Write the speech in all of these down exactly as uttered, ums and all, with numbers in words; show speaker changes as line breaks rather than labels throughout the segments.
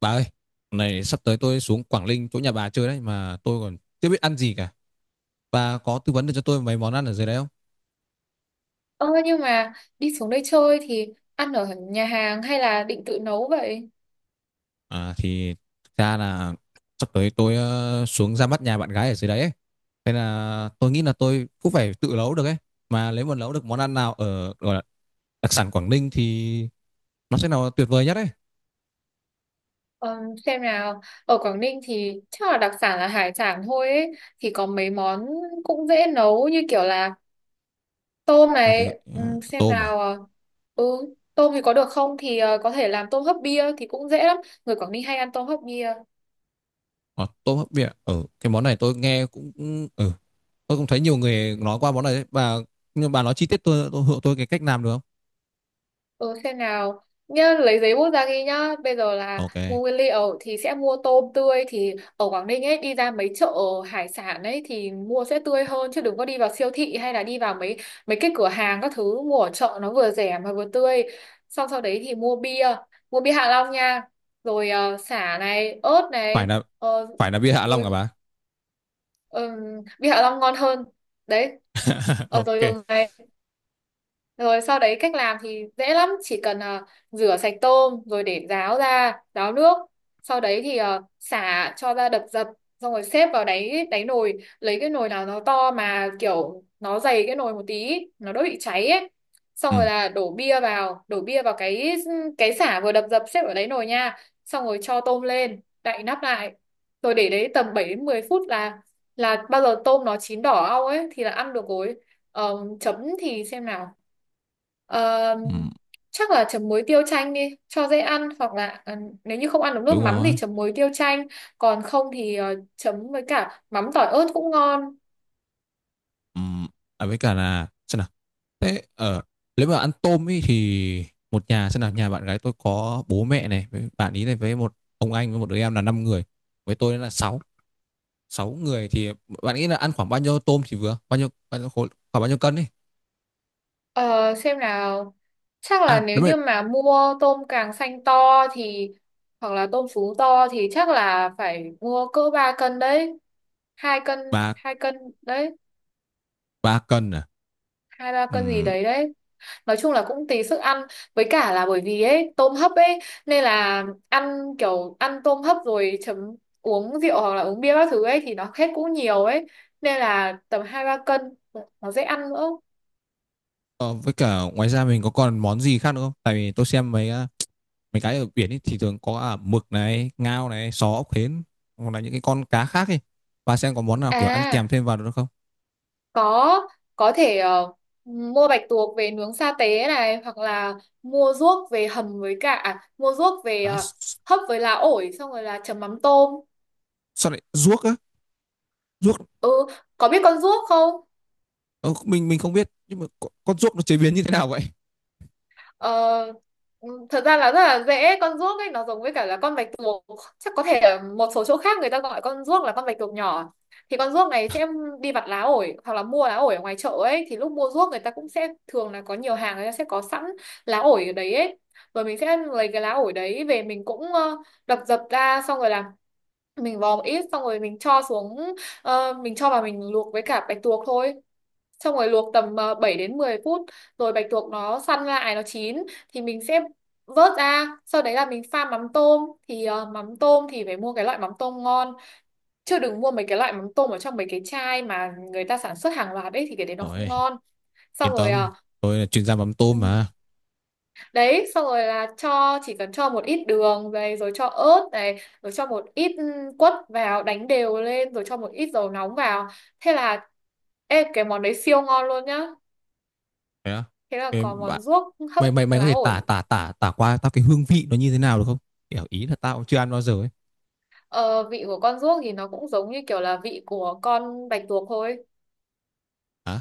Bà ơi, này sắp tới tôi xuống Quảng Ninh chỗ nhà bà chơi đấy mà tôi còn chưa biết ăn gì cả. Bà có tư vấn được cho tôi mấy món ăn ở dưới đấy không?
Ơ nhưng mà đi xuống đây chơi thì ăn ở nhà hàng hay là định tự nấu vậy?
À thì thực ra là sắp tới tôi ờ, xuống ra mắt nhà bạn gái ở dưới đấy ấy. Thế là tôi nghĩ là tôi cũng phải tự nấu được ấy. Mà nếu mà nấu được món ăn nào ở gọi là đặc sản Quảng Ninh thì nó sẽ là tuyệt vời nhất ấy.
Ờ, xem nào, ở Quảng Ninh thì chắc là đặc sản là hải sản thôi ấy. Thì có mấy món cũng dễ nấu như kiểu là tôm
Bà thì
này,
ờ,
Ừm, xem
tôm à?
nào, ờ, ừ, tôm thì có được không thì ờ, có thể làm tôm hấp bia thì cũng dễ lắm. Người Quảng Ninh hay ăn tôm hấp bia.
Ờ, tôm hấp miệng. Ở cái món này tôi nghe cũng ừ, tôi cũng thấy nhiều người nói qua món này đấy. Bà nhưng bà nói chi tiết tôi tôi, tôi cái cách làm được không?
Ừ, xem nào nhá, lấy giấy bút ra ghi nhá, bây giờ là
OK.
mua nguyên liệu thì sẽ mua tôm tươi, thì ở Quảng Ninh ấy đi ra mấy chợ hải sản ấy thì mua sẽ tươi hơn, chứ đừng có đi vào siêu thị hay là đi vào mấy mấy cái cửa hàng các thứ, mua ở chợ nó vừa rẻ mà vừa tươi. Xong sau đấy thì mua bia mua bia Hạ Long nha, rồi ờ, sả này, ớt
phải
này.
là
Ờ,
phải là bia Hạ Long
rồi
cả bà?
ừm, Bia Hạ Long ngon hơn đấy. Ờ, rồi
OK.
đường này. Rồi sau đấy cách làm thì dễ lắm, chỉ cần ờ, rửa sạch tôm rồi để ráo ra, ráo nước. Sau đấy thì ờ, xả cho ra đập dập, xong rồi xếp vào đáy đáy nồi, lấy cái nồi nào nó to mà kiểu nó dày cái nồi một tí, nó đỡ bị cháy ấy. Xong
Ừ,
rồi là đổ bia vào, đổ bia vào cái cái xả vừa đập dập xếp ở đáy nồi nha. Xong rồi cho tôm lên, đậy nắp lại. Rồi để đấy tầm bảy đến mười phút là là bao giờ tôm nó chín đỏ au ấy thì là ăn được rồi. Ờ, Chấm thì xem nào, Ờ,
ừ,
chắc là chấm muối tiêu chanh đi cho dễ ăn, hoặc là ờ, nếu như không ăn được nước
đúng
mắm
rồi.
thì chấm muối tiêu chanh, còn không thì ờ, chấm với cả mắm tỏi ớt cũng ngon.
Ừ. À, với cả là xem nào, thế ở, nếu mà ăn tôm ý thì một nhà, xem nào, nhà bạn gái tôi có bố mẹ này với bạn ý này với một ông anh với một đứa em là năm người, với tôi là sáu sáu người thì bạn nghĩ là ăn khoảng bao nhiêu tôm thì vừa, bao nhiêu, bao nhiêu khối, khoảng bao nhiêu cân đi?
Ờ, xem nào, chắc là
À
nếu
đúng rồi.
như mà mua tôm càng xanh to thì hoặc là tôm sú to thì chắc là phải mua cỡ ba cân đấy, hai cân,
ba
hai cân đấy,
ba cân à?
hai ba cân gì
Ừm.
đấy đấy. Nói chung là cũng tùy sức ăn, với cả là bởi vì ấy tôm hấp ấy nên là ăn kiểu ăn tôm hấp rồi chấm uống rượu hoặc là uống bia các thứ ấy thì nó hết cũng nhiều ấy, nên là tầm hai ba cân nó dễ ăn nữa.
ờ, với cả ngoài ra mình có còn món gì khác nữa không, tại vì tôi xem mấy ờ, mấy cái ở biển ấy thì thường có, à, mực này, ngao này, sò ốc hến, hoặc là những cái con cá khác ấy. Bà xem có món nào kiểu ăn kèm
À,
thêm vào được không?
có có thể ờ, mua bạch tuộc về nướng sa tế này, hoặc là mua ruốc về hầm với cả, à, mua ruốc về
À,
ờ,
s-
hấp với lá ổi xong rồi là chấm mắm tôm.
sao lại ruốc á? Ruốc.
Ừ, có biết con ruốc không?
Ờ, mình mình không biết nhưng mà con, con ruốc nó chế biến như thế nào vậy?
Ờ, ừ, Thật ra là rất là dễ, con ruốc ấy nó giống với cả là con bạch tuộc, chắc có thể ở một số chỗ khác người ta gọi con ruốc là con bạch tuộc nhỏ. Thì con ruốc này sẽ đi vặt lá ổi hoặc là mua lá ổi ở ngoài chợ ấy, thì lúc mua ruốc người ta cũng sẽ thường là có nhiều hàng người ta sẽ có sẵn lá ổi ở đấy ấy. Rồi mình sẽ lấy cái lá ổi đấy về, mình cũng ờ, đập dập ra, xong rồi là mình vò một ít xong rồi mình cho xuống, ờ, mình cho vào mình luộc với cả bạch tuộc thôi. Xong rồi luộc tầm ờ, bảy đến mười phút, rồi bạch tuộc nó săn lại nó chín thì mình sẽ vớt ra. Sau đấy là mình pha mắm tôm thì ờ, mắm tôm thì phải mua cái loại mắm tôm ngon, chứ đừng mua mấy cái loại mắm tôm ở trong mấy cái chai mà người ta sản xuất hàng loạt ấy thì cái đấy nó không
Ôi,
ngon. Xong
yên
rồi,
tâm,
à,
tôi là chuyên gia mắm tôm
ừ,
mà.
đấy, xong rồi là cho, chỉ cần cho một ít đường này rồi cho ớt này rồi cho một ít ừ, quất vào đánh đều lên rồi cho một ít dầu nóng vào, thế là ê cái món đấy siêu ngon luôn nhá.
Thế á?
Thế là
Thế
có
bạn
món ruốc hấp
mày mày mày có
lá
thể tả
ổi.
tả tả tả qua tao cái hương vị nó như thế nào được không? Kiểu ý là tao cũng chưa ăn bao giờ ấy.
Ờ, Vị của con ruốc thì nó cũng giống như kiểu là vị của con bạch tuộc thôi.
Hả?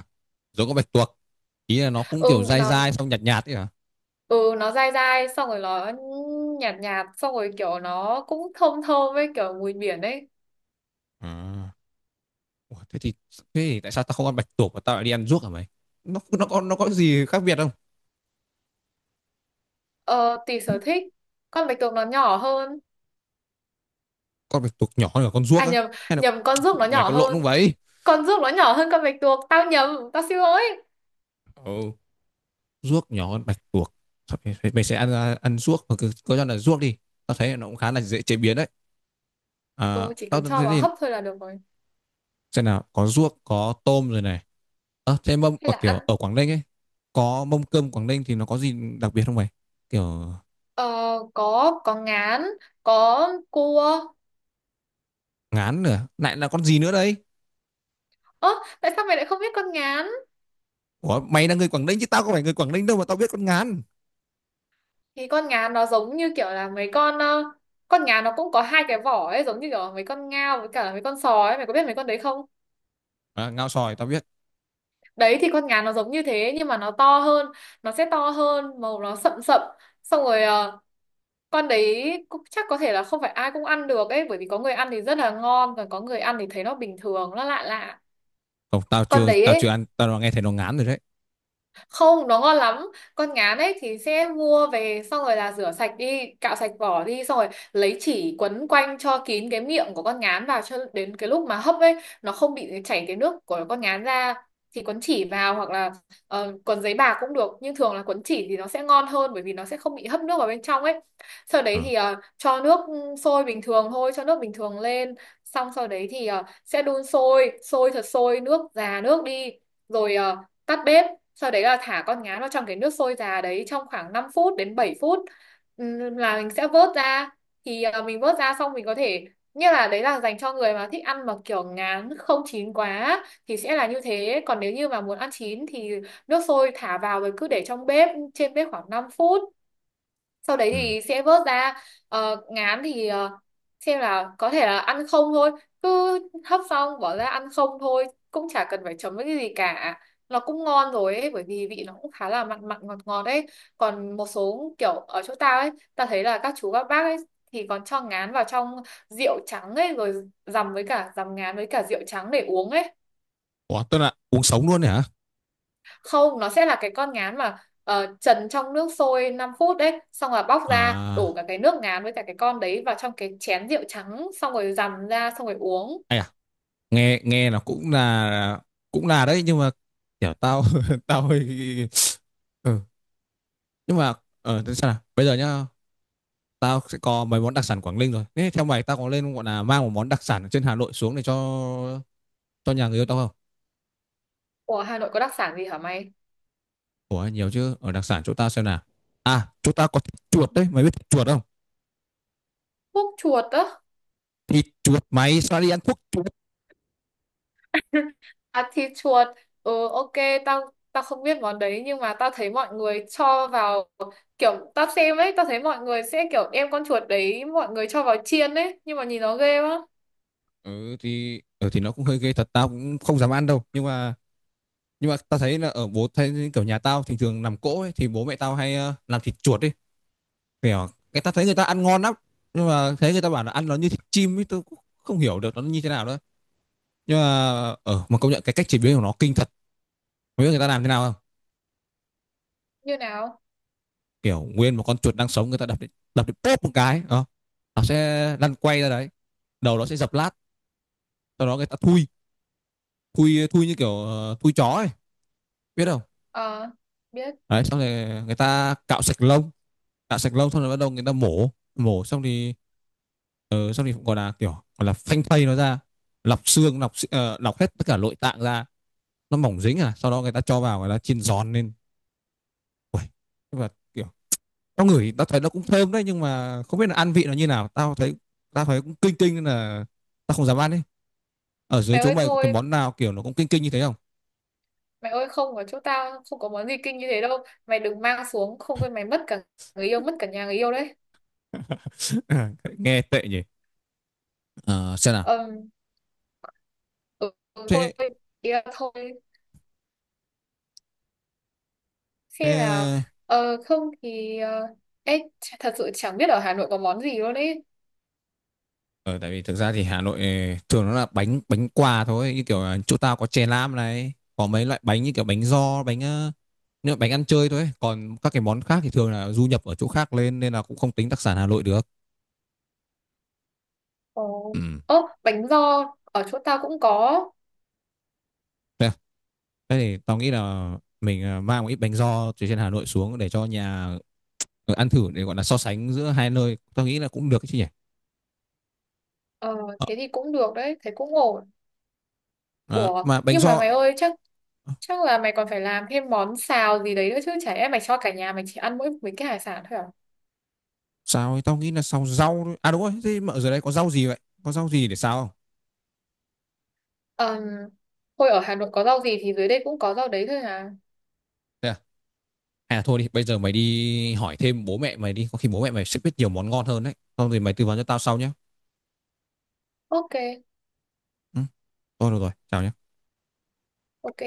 Giống con bạch tuộc? Ý là nó cũng kiểu
Ừ
dai
nó
dai xong nhạt nhạt ấy hả?
ừ nó dai dai xong rồi nó nhạt nhạt xong rồi kiểu nó cũng thơm thơm với kiểu mùi biển ấy.
À. Ủa, thế thì thế thì tại sao tao không ăn bạch tuộc mà tao lại đi ăn ruốc hả mày? Nó nó có nó có gì khác biệt không?
Ờ tùy
Hử?
sở thích. Con bạch tuộc nó nhỏ hơn.
Con bạch tuộc nhỏ hơn cả con ruốc
À
á?
nhầm,
Hay là
nhầm con ruốc nó
mày
nhỏ
có lộn
hơn.
không vậy?
Con ruốc nó nhỏ hơn con bạch tuộc. Tao nhầm, tao xin lỗi.
Ồ, ruốc nhỏ hơn bạch tuộc. Thôi. Mày, mày sẽ ăn ăn ruốc, hoặc cứ cứ cho là ruốc đi. Tao thấy nó cũng khá là dễ chế biến đấy. À,
Ừ, chỉ
tao
cần cho
thấy
vào
thì,
hấp thôi là được rồi.
xem nào, có ruốc có tôm rồi này. Ờ, thế mâm
Hay
ở
là
kiểu
ăn,
ở Quảng Ninh ấy, có mâm cơm Quảng Ninh thì nó có gì đặc biệt không mày? Kiểu
ờ, có có ngán, có cua.
ngán nữa, lại là con gì nữa đấy?
Ơ, tại sao mày lại không biết con ngán?
Ủa, mày là người Quảng Ninh chứ tao không phải người Quảng Ninh đâu mà tao biết con ngán.
Thì con ngán nó giống như kiểu là mấy con, ờ, con ngán nó cũng có hai cái vỏ ấy giống như kiểu mấy con ngao với cả mấy con sói ấy. Mày có biết mấy con đấy không?
À, ngao sòi tao biết.
Đấy thì con ngán nó giống như thế nhưng mà nó to hơn, nó sẽ to hơn, màu nó sậm sậm, xong rồi ờ, con đấy cũng chắc có thể là không phải ai cũng ăn được ấy, bởi vì có người ăn thì rất là ngon, còn có người ăn thì thấy nó bình thường nó lạ lạ.
Không, tao
Con
chưa
đấy
tao chưa
ấy,
ăn, tao nghe thấy nó ngán rồi đấy.
không, nó ngon lắm. Con ngán ấy thì sẽ mua về xong rồi là rửa sạch đi, cạo sạch vỏ đi, xong rồi lấy chỉ quấn quanh cho kín cái miệng của con ngán vào, cho đến cái lúc mà hấp ấy nó không bị chảy cái nước của con ngán ra. Thì quấn chỉ vào, hoặc là ờ, quấn giấy bạc cũng được, nhưng thường là quấn chỉ thì nó sẽ ngon hơn bởi vì nó sẽ không bị hấp nước vào bên trong ấy. Sau đấy
Ờ.
thì ờ, cho nước ừ, sôi bình thường thôi, cho nước bình thường lên, xong sau đấy thì ờ, sẽ đun sôi sôi thật sôi, nước già nước đi, rồi ờ, tắt bếp. Sau đấy là thả con ngán vào trong cái nước sôi già đấy trong khoảng năm phút đến bảy phút, Ừm, là mình sẽ vớt ra. Thì ờ, mình vớt ra xong, mình có thể, như là đấy là dành cho người mà thích ăn mà kiểu ngán không chín quá thì sẽ là như thế, còn nếu như mà muốn ăn chín thì nước sôi thả vào rồi cứ để trong bếp trên bếp khoảng năm phút, sau đấy
Ừ.
thì sẽ vớt ra. Ờ, ngán thì ờ, xem là có thể là ăn không thôi, cứ hấp xong bỏ ra ăn không thôi cũng chả cần phải chấm với cái gì cả, nó cũng ngon rồi ấy, bởi vì vị nó cũng khá là mặn mặn ngọt ngọt ấy. Còn một số kiểu ở chỗ tao ấy tao thấy là các chú các bác ấy thì còn cho ngán vào trong rượu trắng ấy rồi dằm với cả, dằm ngán với cả rượu trắng để uống ấy.
Ủa, tức là uống sống luôn đấy hả?
Không, nó sẽ là cái con ngán mà ờ, trần trong nước sôi năm phút đấy, xong rồi bóc ra đổ
À
cả cái nước ngán với cả cái con đấy vào trong cái chén rượu trắng xong rồi dằm ra xong rồi uống.
ai à nghe nghe nó cũng là cũng là đấy, nhưng mà kiểu tao tao hơi ừ. Nhưng mà ờ thế sao nào, bây giờ nhá, tao sẽ có mấy món đặc sản Quảng Ninh rồi, thế theo mày tao có lên gọi là mang một món đặc sản ở trên Hà Nội xuống để cho cho nhà người yêu tao không?
Ủa Hà Nội có đặc sản gì hả mày?
Ủa nhiều chứ, ở đặc sản chỗ tao, xem nào, à, chỗ tao có thịt chuột đấy, mày biết thịt chuột không?
Thuốc chuột á?
Thịt chuột, mày sao đi ăn thuốc chuột!
À thịt chuột, ừ, ok, tao tao không biết món đấy, nhưng mà tao thấy mọi người cho vào, kiểu tao xem ấy tao thấy mọi người sẽ kiểu đem con chuột đấy mọi người cho vào chiên ấy nhưng mà nhìn nó ghê quá.
Ừ thì ừ, thì nó cũng hơi ghê thật, tao cũng không dám ăn đâu, nhưng mà nhưng mà tao thấy là ở bố thấy kiểu nhà tao thì thường làm cỗ ấy, thì bố mẹ tao hay ờ, làm thịt chuột ấy. Kiểu cái tao thấy người ta ăn ngon lắm, nhưng mà thấy người ta bảo là ăn nó như thịt chim ấy, tôi cũng không hiểu được nó như thế nào nữa. Nhưng mà ở mà công nhận cái cách chế biến của nó kinh thật, không biết người ta làm thế nào không.
Như nào?
Kiểu nguyên một con chuột đang sống, người ta đập đến, đập đến bóp một cái ờ, nó sẽ lăn quay ra đấy, đầu nó sẽ dập lát. Sau đó người ta thui, thui thui như kiểu ờ, thui chó ấy, biết không.
Ờ, biết.
Đấy, xong rồi người ta cạo sạch lông, cạo sạch lông xong rồi bắt đầu người ta mổ. Mổ xong thì ờ, xong thì cũng gọi là kiểu, gọi là phanh thây nó ra, lọc xương, lọc xi- ờ, lọc hết tất cả nội tạng ra. Nó mỏng dính, à sau đó người ta cho vào, người ta chiên giòn lên. Ui, nhưng mà kiểu tao ngửi tao thấy nó cũng thơm đấy, nhưng mà không biết là ăn vị nó như nào. Tao thấy tao thấy cũng kinh kinh nên là tao không dám ăn ấy. Ở dưới
Mày
chỗ
ơi
mày có cái
thôi,
món nào kiểu nó cũng kinh kinh như thế không?
mày ơi không, ở chỗ tao không có món gì kinh như thế đâu, mày đừng mang xuống không thôi mày mất cả người yêu, mất cả nhà người yêu đấy.
Nghe tệ nhỉ. Ờ, xem nào.
Ờm, ừ, ừ, Thôi,
thế,
ý là thôi. Xem là
thế
ờ, không thì ờ, ê, ch- thật sự chẳng biết ở Hà Nội có món gì luôn ấy.
Ờ, tại vì thực ra thì Hà Nội ờ, thường nó là bánh bánh quà thôi, như kiểu là chỗ tao có chè lam này, có mấy loại bánh như kiểu bánh giò, bánh ờ, như là bánh ăn chơi thôi ấy. Còn các cái món khác thì thường là du nhập ở chỗ khác lên, nên là cũng không tính đặc sản Hà Nội được.
Ồ,
Ừ.
ố, bánh giò ở chỗ tao cũng có.
Thế à? Thế thì tao nghĩ là mình ờ, mang một ít bánh giò từ trên Hà Nội xuống để cho nhà ờ, ăn thử, để gọi là so sánh giữa hai nơi, tao nghĩ là cũng được chứ nhỉ.
Ờ
Ờ.
thế thì cũng được đấy, thế cũng ổn.
À,
Ủa
mà bánh
nhưng mà
giò
mày ơi, chắc chắc là mày còn phải làm thêm món xào gì đấy nữa chứ. Chả lẽ mày cho cả nhà mày chỉ ăn mỗi mấy cái hải sản thôi à?
sao ấy? Tao nghĩ là xào rau thôi. À đúng rồi, thế mà ở dưới đây có rau gì vậy, có rau gì để xào không?
Ờm, Thôi, ở Hà Nội có rau gì thì dưới đây cũng có rau đấy thôi à.
Thế à? Hay là thôi đi, bây giờ mày đi hỏi thêm bố mẹ mày đi, có khi bố mẹ mày sẽ biết nhiều món ngon hơn đấy, xong rồi mày tư vấn cho tao sau nhé.
Ok,
Ừ, thôi được rồi, chào nhé.
ok.